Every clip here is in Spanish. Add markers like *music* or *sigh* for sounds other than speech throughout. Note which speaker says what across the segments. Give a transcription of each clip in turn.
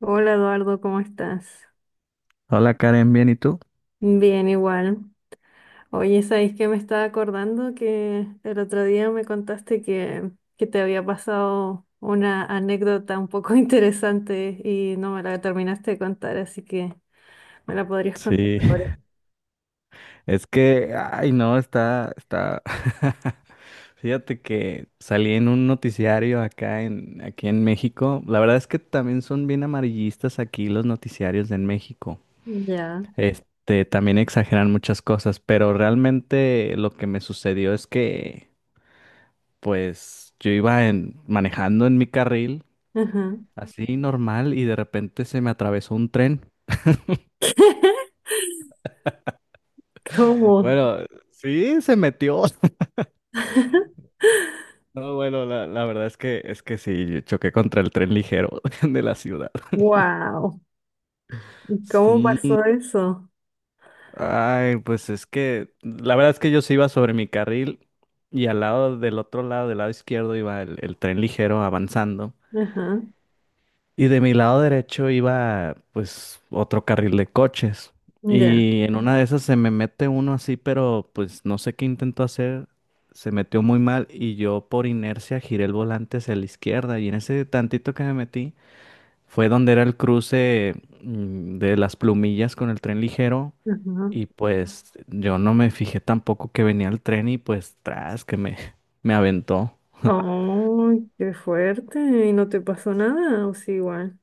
Speaker 1: Hola Eduardo, ¿cómo estás?
Speaker 2: Hola Karen, ¿bien y tú?
Speaker 1: Bien, igual. Oye, ¿sabes que me estaba acordando? Que el otro día me contaste que te había pasado una anécdota un poco *laughs* interesante y no me la terminaste de contar, así que me la podrías contar
Speaker 2: Sí,
Speaker 1: ahora.
Speaker 2: *laughs* es que, ay, no, está. *laughs* Fíjate que salí en un noticiario aquí en México. La verdad es que también son bien amarillistas aquí los noticiarios en México.
Speaker 1: Ya.
Speaker 2: También exageran muchas cosas, pero realmente lo que me sucedió es que, pues, manejando en mi carril,
Speaker 1: Ajá.
Speaker 2: así normal, y de repente se me atravesó un tren.
Speaker 1: *laughs* ¿Cómo?
Speaker 2: Bueno, sí, se metió. *laughs*
Speaker 1: *laughs*
Speaker 2: No, bueno, la verdad es que sí, yo choqué contra el tren ligero *laughs* de la ciudad.
Speaker 1: Wow. ¿Cómo
Speaker 2: Sí,
Speaker 1: pasó eso?
Speaker 2: ay, pues es que la verdad es que yo sí iba sobre mi carril y al lado del otro lado, del lado izquierdo, iba el tren ligero avanzando
Speaker 1: Ajá.
Speaker 2: y de mi lado derecho iba pues otro carril de coches,
Speaker 1: Ya.
Speaker 2: y en una de esas se me mete uno así, pero pues no sé qué intentó hacer, se metió muy mal y yo por inercia giré el volante hacia la izquierda, y en ese tantito que me metí fue donde era el cruce de las plumillas con el tren ligero,
Speaker 1: Ajá.
Speaker 2: y pues yo no me fijé tampoco que venía el tren y pues tras *laughs* me aventó.
Speaker 1: Oh, qué fuerte. ¿Y no te pasó nada? O sí, igual.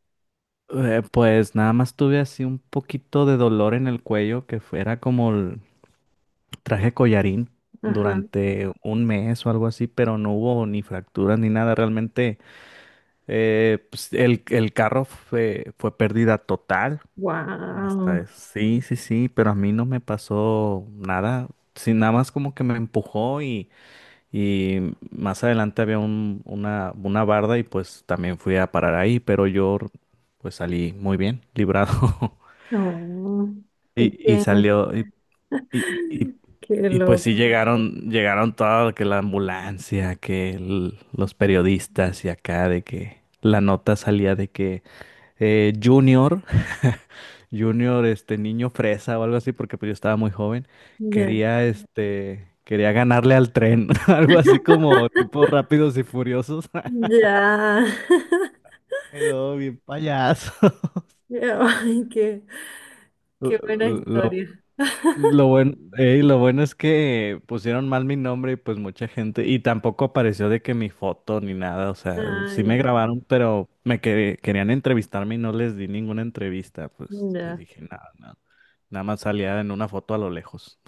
Speaker 2: Pues nada más tuve así un poquito de dolor en el cuello, que fuera como el, traje collarín
Speaker 1: Ajá.
Speaker 2: durante un mes o algo así, pero no hubo ni fracturas ni nada. Realmente pues, el carro fue pérdida total. Hasta
Speaker 1: Wow,
Speaker 2: eso. Sí, sí, sí, pero a mí no me pasó nada. Sí, nada más como que me empujó, y más adelante había una barda y pues también fui a parar ahí, pero yo pues salí muy bien, librado. *laughs*
Speaker 1: no, ¿y
Speaker 2: Y, y
Speaker 1: que,
Speaker 2: salió, y, y,
Speaker 1: *laughs* qué
Speaker 2: y, pues sí
Speaker 1: loco.
Speaker 2: llegaron, llegaron todo, que la ambulancia, que los periodistas y acá de que la nota salía de que Junior, Junior, este niño fresa o algo así, porque pues yo estaba muy joven,
Speaker 1: Ya,
Speaker 2: quería ganarle al tren, *laughs* algo así como tipo Rápidos y Furiosos,
Speaker 1: ya, *laughs*
Speaker 2: *laughs* y luego bien payaso. *laughs*
Speaker 1: Ya, ay, qué,
Speaker 2: Lo,
Speaker 1: qué buena
Speaker 2: lo,
Speaker 1: historia.
Speaker 2: lo
Speaker 1: *laughs*
Speaker 2: bueno, ey, lo bueno es que pusieron mal mi nombre y pues mucha gente, y tampoco apareció de que mi foto ni nada, o sea,
Speaker 1: Ah,
Speaker 2: sí me
Speaker 1: ya,
Speaker 2: grabaron, pero me querían entrevistarme y no les di ninguna entrevista, pues les
Speaker 1: ya.
Speaker 2: dije nada, nada, nada más salía en una foto a lo lejos.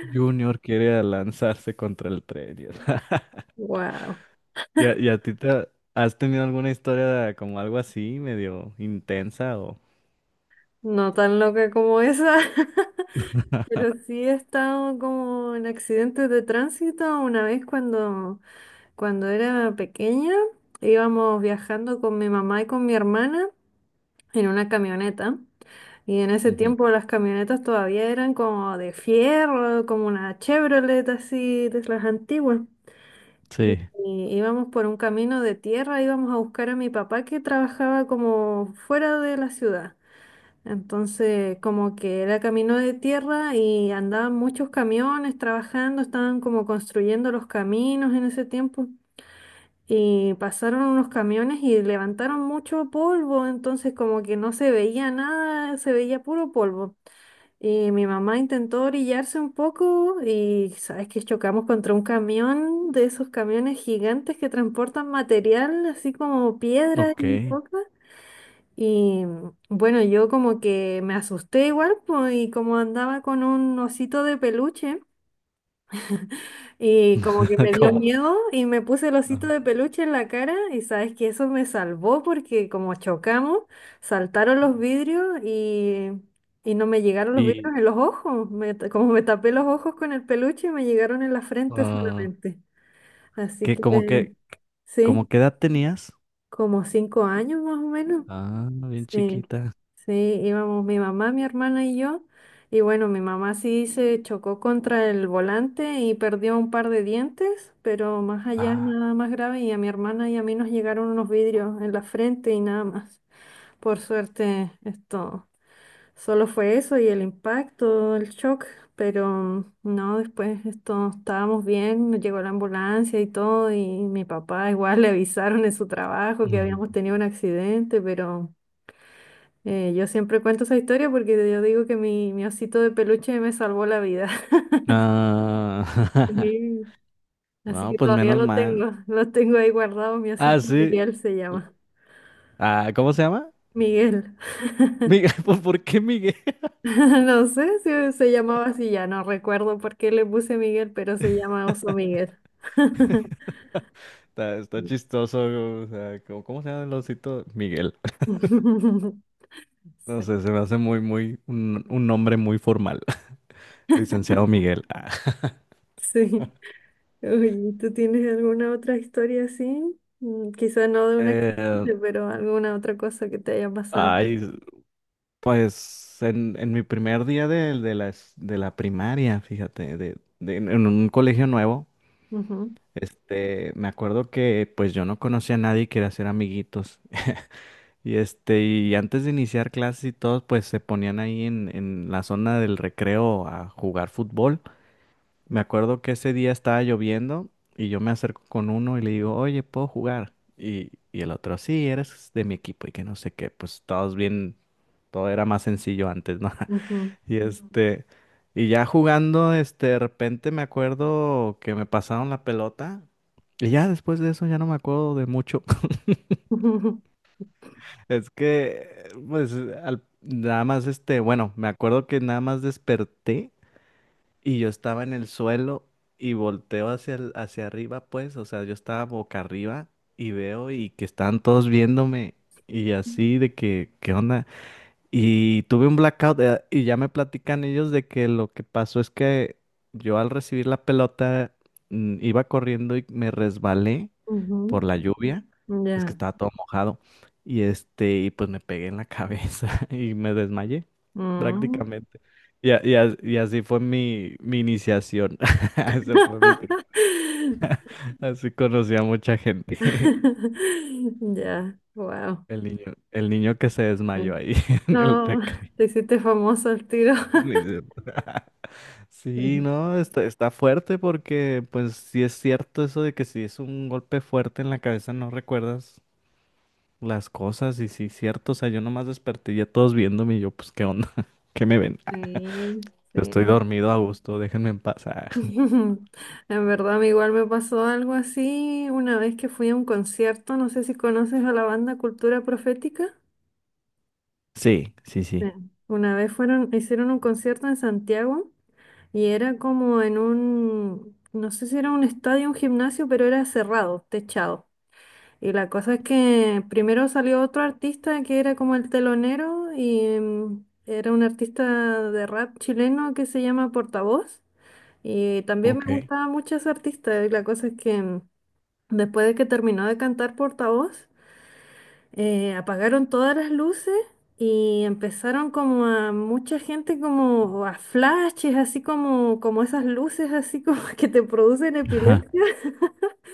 Speaker 2: Junior quiere lanzarse contra el tren. Y, *laughs*
Speaker 1: Wow,
Speaker 2: ¿Y y a ti te has tenido alguna historia como algo así, medio intensa o?
Speaker 1: *laughs* no tan loca como esa, *laughs* pero sí he estado como en accidentes de tránsito una vez cuando era pequeña, íbamos viajando con mi mamá y con mi hermana en una camioneta. Y en ese
Speaker 2: Ujú.
Speaker 1: tiempo las camionetas todavía eran como de fierro, como una Chevrolet así de las antiguas.
Speaker 2: Sí,
Speaker 1: Y íbamos por un camino de tierra, íbamos a buscar a mi papá que trabajaba como fuera de la ciudad. Entonces, como que era camino de tierra y andaban muchos camiones trabajando, estaban como construyendo los caminos en ese tiempo. Y pasaron unos camiones y levantaron mucho polvo, entonces como que no se veía nada, se veía puro polvo. Y mi mamá intentó orillarse un poco y sabes que chocamos contra un camión de esos camiones gigantes que transportan material, así como piedras y
Speaker 2: ok.
Speaker 1: cosas. Y bueno, yo como que me asusté igual, pues, y como andaba con un osito de peluche. Y como que me
Speaker 2: *laughs*
Speaker 1: dio
Speaker 2: Como,
Speaker 1: miedo y me puse el
Speaker 2: ah,
Speaker 1: osito de peluche en la cara y sabes que eso me salvó porque como chocamos, saltaron los vidrios y no me llegaron los
Speaker 2: y
Speaker 1: vidrios en los ojos. Me ta- como me tapé los ojos con el peluche, me llegaron en la frente
Speaker 2: ah,
Speaker 1: solamente. Así que
Speaker 2: que
Speaker 1: sí,
Speaker 2: como qué edad tenías?
Speaker 1: como 5 años más o menos.
Speaker 2: Ah, bien
Speaker 1: Sí,
Speaker 2: chiquita.
Speaker 1: sí, íbamos mi mamá, mi hermana y yo. Y bueno, mi mamá sí se chocó contra el volante y perdió un par de dientes, pero más allá
Speaker 2: Ah.
Speaker 1: nada más grave. Y a mi hermana y a mí nos llegaron unos vidrios en la frente y nada más. Por suerte, esto solo fue eso y el impacto, el shock, pero no, después esto estábamos bien, llegó la ambulancia y todo, y mi papá igual le avisaron en su trabajo que
Speaker 2: Ujú.
Speaker 1: habíamos tenido un accidente, pero... yo siempre cuento esa historia porque yo digo que mi osito de peluche me salvó la vida. *laughs*
Speaker 2: Ah, *laughs*
Speaker 1: Sí. Así
Speaker 2: no,
Speaker 1: que
Speaker 2: pues
Speaker 1: todavía
Speaker 2: menos
Speaker 1: lo
Speaker 2: mal.
Speaker 1: tengo, *laughs* lo tengo ahí guardado, mi
Speaker 2: Ah,
Speaker 1: osito
Speaker 2: sí.
Speaker 1: Miguel se llama.
Speaker 2: Ah, ¿cómo se llama?
Speaker 1: Miguel. *laughs*
Speaker 2: Miguel, *laughs* por qué Miguel?
Speaker 1: No sé si se llamaba así, ya no recuerdo por qué le puse Miguel, pero se llama Oso Miguel. *laughs*
Speaker 2: *laughs* Está chistoso, o sea, cómo se llama el osito? Miguel. No
Speaker 1: Sí.
Speaker 2: sé, se me hace muy, un nombre muy formal. *laughs* Licenciado Miguel. Ah.
Speaker 1: Sí. Oye, ¿tú tienes alguna otra historia así? Quizá no de una
Speaker 2: Eh,
Speaker 1: accidente, pero alguna otra cosa que te haya pasado.
Speaker 2: ay, pues en mi primer día de la primaria, fíjate, en un colegio nuevo,
Speaker 1: Ujú,
Speaker 2: me acuerdo que pues yo no conocía a nadie y quería hacer amiguitos. *laughs* Y antes de iniciar clases y todo, pues se ponían ahí en la zona del recreo a jugar fútbol. Me acuerdo que ese día estaba lloviendo y yo me acerco con uno y le digo, oye, ¿puedo jugar? Y el otro, sí, eres de mi equipo y que no sé qué, pues todos bien, todo era más sencillo antes, ¿no? *laughs*
Speaker 1: ujú.
Speaker 2: Y este, y ya jugando, de repente me acuerdo que me pasaron la pelota y ya después de eso ya no me acuerdo de mucho. *laughs*
Speaker 1: Ujú,
Speaker 2: Es que, pues, nada más, bueno, me acuerdo que nada más desperté. Y yo estaba en el suelo y volteo hacia arriba, pues, o sea, yo estaba boca arriba, y veo y que estaban todos viéndome y así de que, ¿qué onda? Y tuve un blackout, y ya me platican ellos de que lo que pasó es que yo al recibir la pelota iba corriendo y me resbalé por la lluvia.
Speaker 1: ujú,
Speaker 2: Es que
Speaker 1: ya.
Speaker 2: estaba todo mojado. Y pues me pegué en la cabeza *laughs* y me desmayé
Speaker 1: Mm.
Speaker 2: prácticamente. Y así fue mi iniciación. *laughs* Eso fue mi primer-
Speaker 1: *laughs*
Speaker 2: *laughs* Así conocí a mucha gente. *laughs*
Speaker 1: Ya, wow.
Speaker 2: El niño que se desmayó ahí *laughs* en el
Speaker 1: No,
Speaker 2: recreo.
Speaker 1: te hiciste famoso al tiro.
Speaker 2: *laughs* Ni siquiera. Sí,
Speaker 1: *laughs*
Speaker 2: no, está fuerte, porque pues sí es cierto eso de que si es un golpe fuerte en la cabeza no recuerdas las cosas, y sí es cierto, o sea, yo nomás desperté y ya todos viéndome y yo pues qué onda, *laughs* qué me ven. Ah,
Speaker 1: Sí,
Speaker 2: yo estoy
Speaker 1: sí.
Speaker 2: dormido a gusto, déjenme en paz. Ah, *laughs*
Speaker 1: *laughs* En verdad, a mí igual me pasó algo así una vez que fui a un concierto. No sé si conoces a la banda Cultura Profética.
Speaker 2: sí, sí,
Speaker 1: Sí.
Speaker 2: sí.
Speaker 1: Una vez fueron, hicieron un concierto en Santiago. Y era como en un, no sé si era un estadio, un gimnasio, pero era cerrado, techado. Y la cosa es que primero salió otro artista que era como el telonero y era un artista de rap chileno que se llama Portavoz. Y también me
Speaker 2: Ok.
Speaker 1: gustaba mucho ese artista. Y la cosa es que después de que terminó de cantar Portavoz, apagaron todas las luces y empezaron como a mucha gente como a flashes, así como, como esas luces así como *laughs* que te producen
Speaker 2: Ajá.
Speaker 1: epilepsia.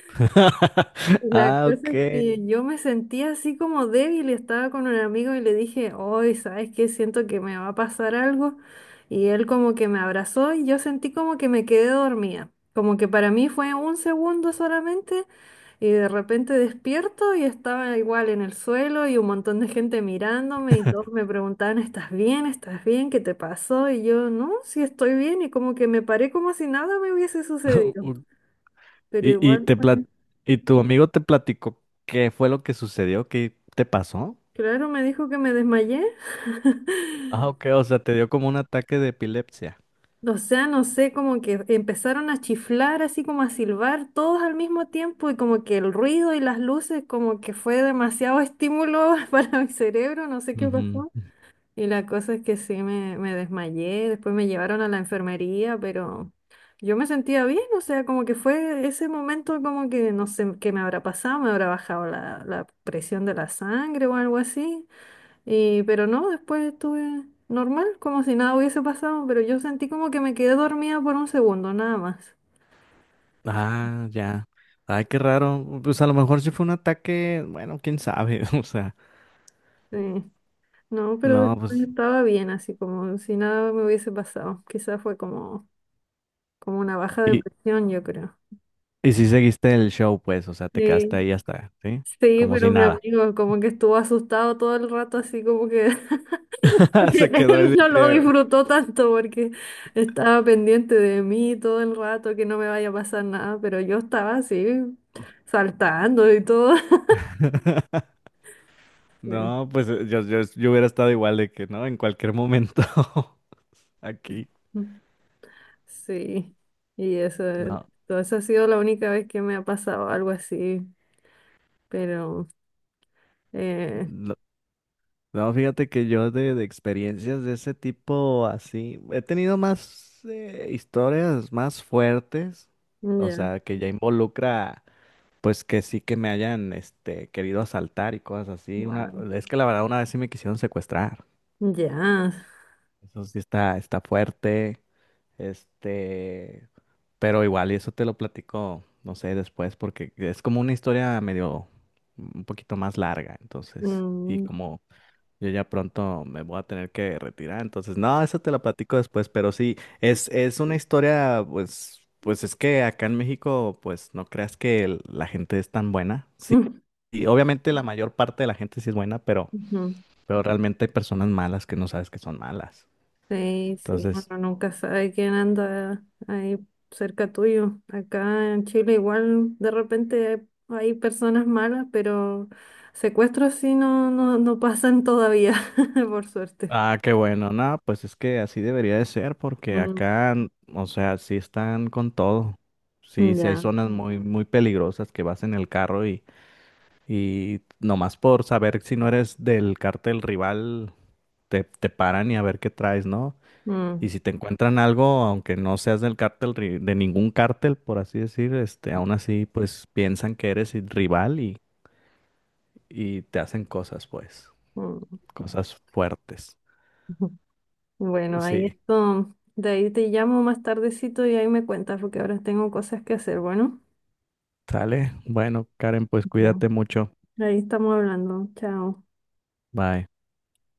Speaker 2: *laughs*
Speaker 1: La
Speaker 2: Ah,
Speaker 1: cosa
Speaker 2: ok.
Speaker 1: es que yo me sentía así como débil y estaba con un amigo y le dije, hoy, ¿sabes qué? Siento que me va a pasar algo. Y él como que me abrazó y yo sentí como que me quedé dormida. Como que para mí fue un segundo solamente y de repente despierto y estaba igual en el suelo y un montón de gente mirándome y todos
Speaker 2: *laughs*
Speaker 1: me preguntaban, ¿estás bien? ¿Estás bien? ¿Qué te pasó? Y yo, no, sí estoy bien y como que me paré como si nada me hubiese sucedido.
Speaker 2: O-
Speaker 1: Pero
Speaker 2: ¿Y,
Speaker 1: igual... fue.
Speaker 2: y tu amigo te platicó qué fue lo que sucedió, qué te pasó?
Speaker 1: Claro, me dijo que me desmayé.
Speaker 2: Ah,
Speaker 1: *laughs*
Speaker 2: ok, o sea, te dio como un ataque de epilepsia.
Speaker 1: O sea, no sé, como que empezaron a chiflar, así como a silbar todos al mismo tiempo y como que el ruido y las luces, como que fue demasiado estímulo *laughs* para mi cerebro, no sé qué
Speaker 2: Ujú.
Speaker 1: pasó. Y la cosa es que sí, me desmayé, después me llevaron a la enfermería, pero yo me sentía bien, o sea, como que fue ese momento como que no sé qué me habrá pasado, me habrá bajado la presión de la sangre o algo así. Y, pero no, después estuve normal, como si nada hubiese pasado, pero yo sentí como que me quedé dormida por un segundo, nada más.
Speaker 2: Ah, ya. Ay, qué raro. Pues a lo mejor sí fue un ataque, bueno, quién sabe. *laughs* O sea,
Speaker 1: Sí. No, pero
Speaker 2: no,
Speaker 1: después
Speaker 2: pues.
Speaker 1: estaba bien, así como si nada me hubiese pasado. Quizás fue como, como una baja
Speaker 2: Y,
Speaker 1: depresión, yo creo.
Speaker 2: y sí seguiste el show, pues, o sea, te quedaste
Speaker 1: Sí.
Speaker 2: ahí hasta, ¿sí?
Speaker 1: Sí,
Speaker 2: Como
Speaker 1: pero
Speaker 2: si
Speaker 1: mi
Speaker 2: nada.
Speaker 1: amigo como que estuvo asustado todo el rato, así como que *laughs*
Speaker 2: *laughs* Se quedó ahí
Speaker 1: él
Speaker 2: de
Speaker 1: no lo
Speaker 2: que.
Speaker 1: disfrutó tanto porque estaba pendiente de mí todo el rato, que no me vaya a pasar nada, pero yo estaba así saltando y todo.
Speaker 2: *laughs*
Speaker 1: Sí,
Speaker 2: No, pues yo hubiera estado igual de que, ¿no? En cualquier momento *laughs* aquí.
Speaker 1: *laughs* sí. Y eso,
Speaker 2: No,
Speaker 1: todo eso ha sido la única vez que me ha pasado algo así, pero eh,
Speaker 2: no, no, fíjate que yo de experiencias de ese tipo así, he tenido más, historias más fuertes, o
Speaker 1: ya,
Speaker 2: sea, que ya involucra, pues que sí que me hayan, querido asaltar y cosas así. Una,
Speaker 1: wow,
Speaker 2: es que la verdad una vez sí me quisieron secuestrar.
Speaker 1: ya.
Speaker 2: Eso sí está fuerte. Este, pero igual, y eso te lo platico, no sé, después, porque es como una historia medio, un poquito más larga. Entonces, y
Speaker 1: Mm,
Speaker 2: como yo ya pronto me voy a tener que retirar. Entonces, no, eso te lo platico después, pero sí, es una historia, pues, pues es que acá en México, pues no creas que la gente es tan buena.
Speaker 1: *laughs*
Speaker 2: Sí,
Speaker 1: mm,
Speaker 2: y obviamente la mayor parte de la gente sí es buena,
Speaker 1: ujú.
Speaker 2: pero realmente hay personas malas que no sabes que son malas.
Speaker 1: Sí, sí, uno
Speaker 2: Entonces,
Speaker 1: nunca sabe quién anda ahí cerca tuyo. Acá en Chile igual de repente hay personas malas, pero secuestros sí no, no, no pasan todavía, *laughs* por suerte.
Speaker 2: ah, qué bueno, no, pues es que así debería de ser, porque
Speaker 1: Mm,
Speaker 2: acá, o sea, sí están con todo. Sí, sí hay
Speaker 1: ya.
Speaker 2: zonas muy peligrosas que vas en el carro, y nomás por saber si no eres del cártel rival, te paran y a ver qué traes, ¿no?
Speaker 1: Mm,
Speaker 2: Y si te encuentran algo, aunque no seas del cártel, de ningún cártel, por así decir, aún así, pues piensan que eres el rival, y te hacen cosas, pues,
Speaker 1: mm.
Speaker 2: cosas fuertes.
Speaker 1: *laughs* Bueno, ahí
Speaker 2: Sí,
Speaker 1: esto, de ahí te llamo más tardecito y ahí me cuentas porque ahora tengo cosas que hacer. Bueno,
Speaker 2: sale. Bueno, Karen, pues
Speaker 1: no.
Speaker 2: cuídate mucho.
Speaker 1: Ahí estamos hablando. Chao.
Speaker 2: Bye.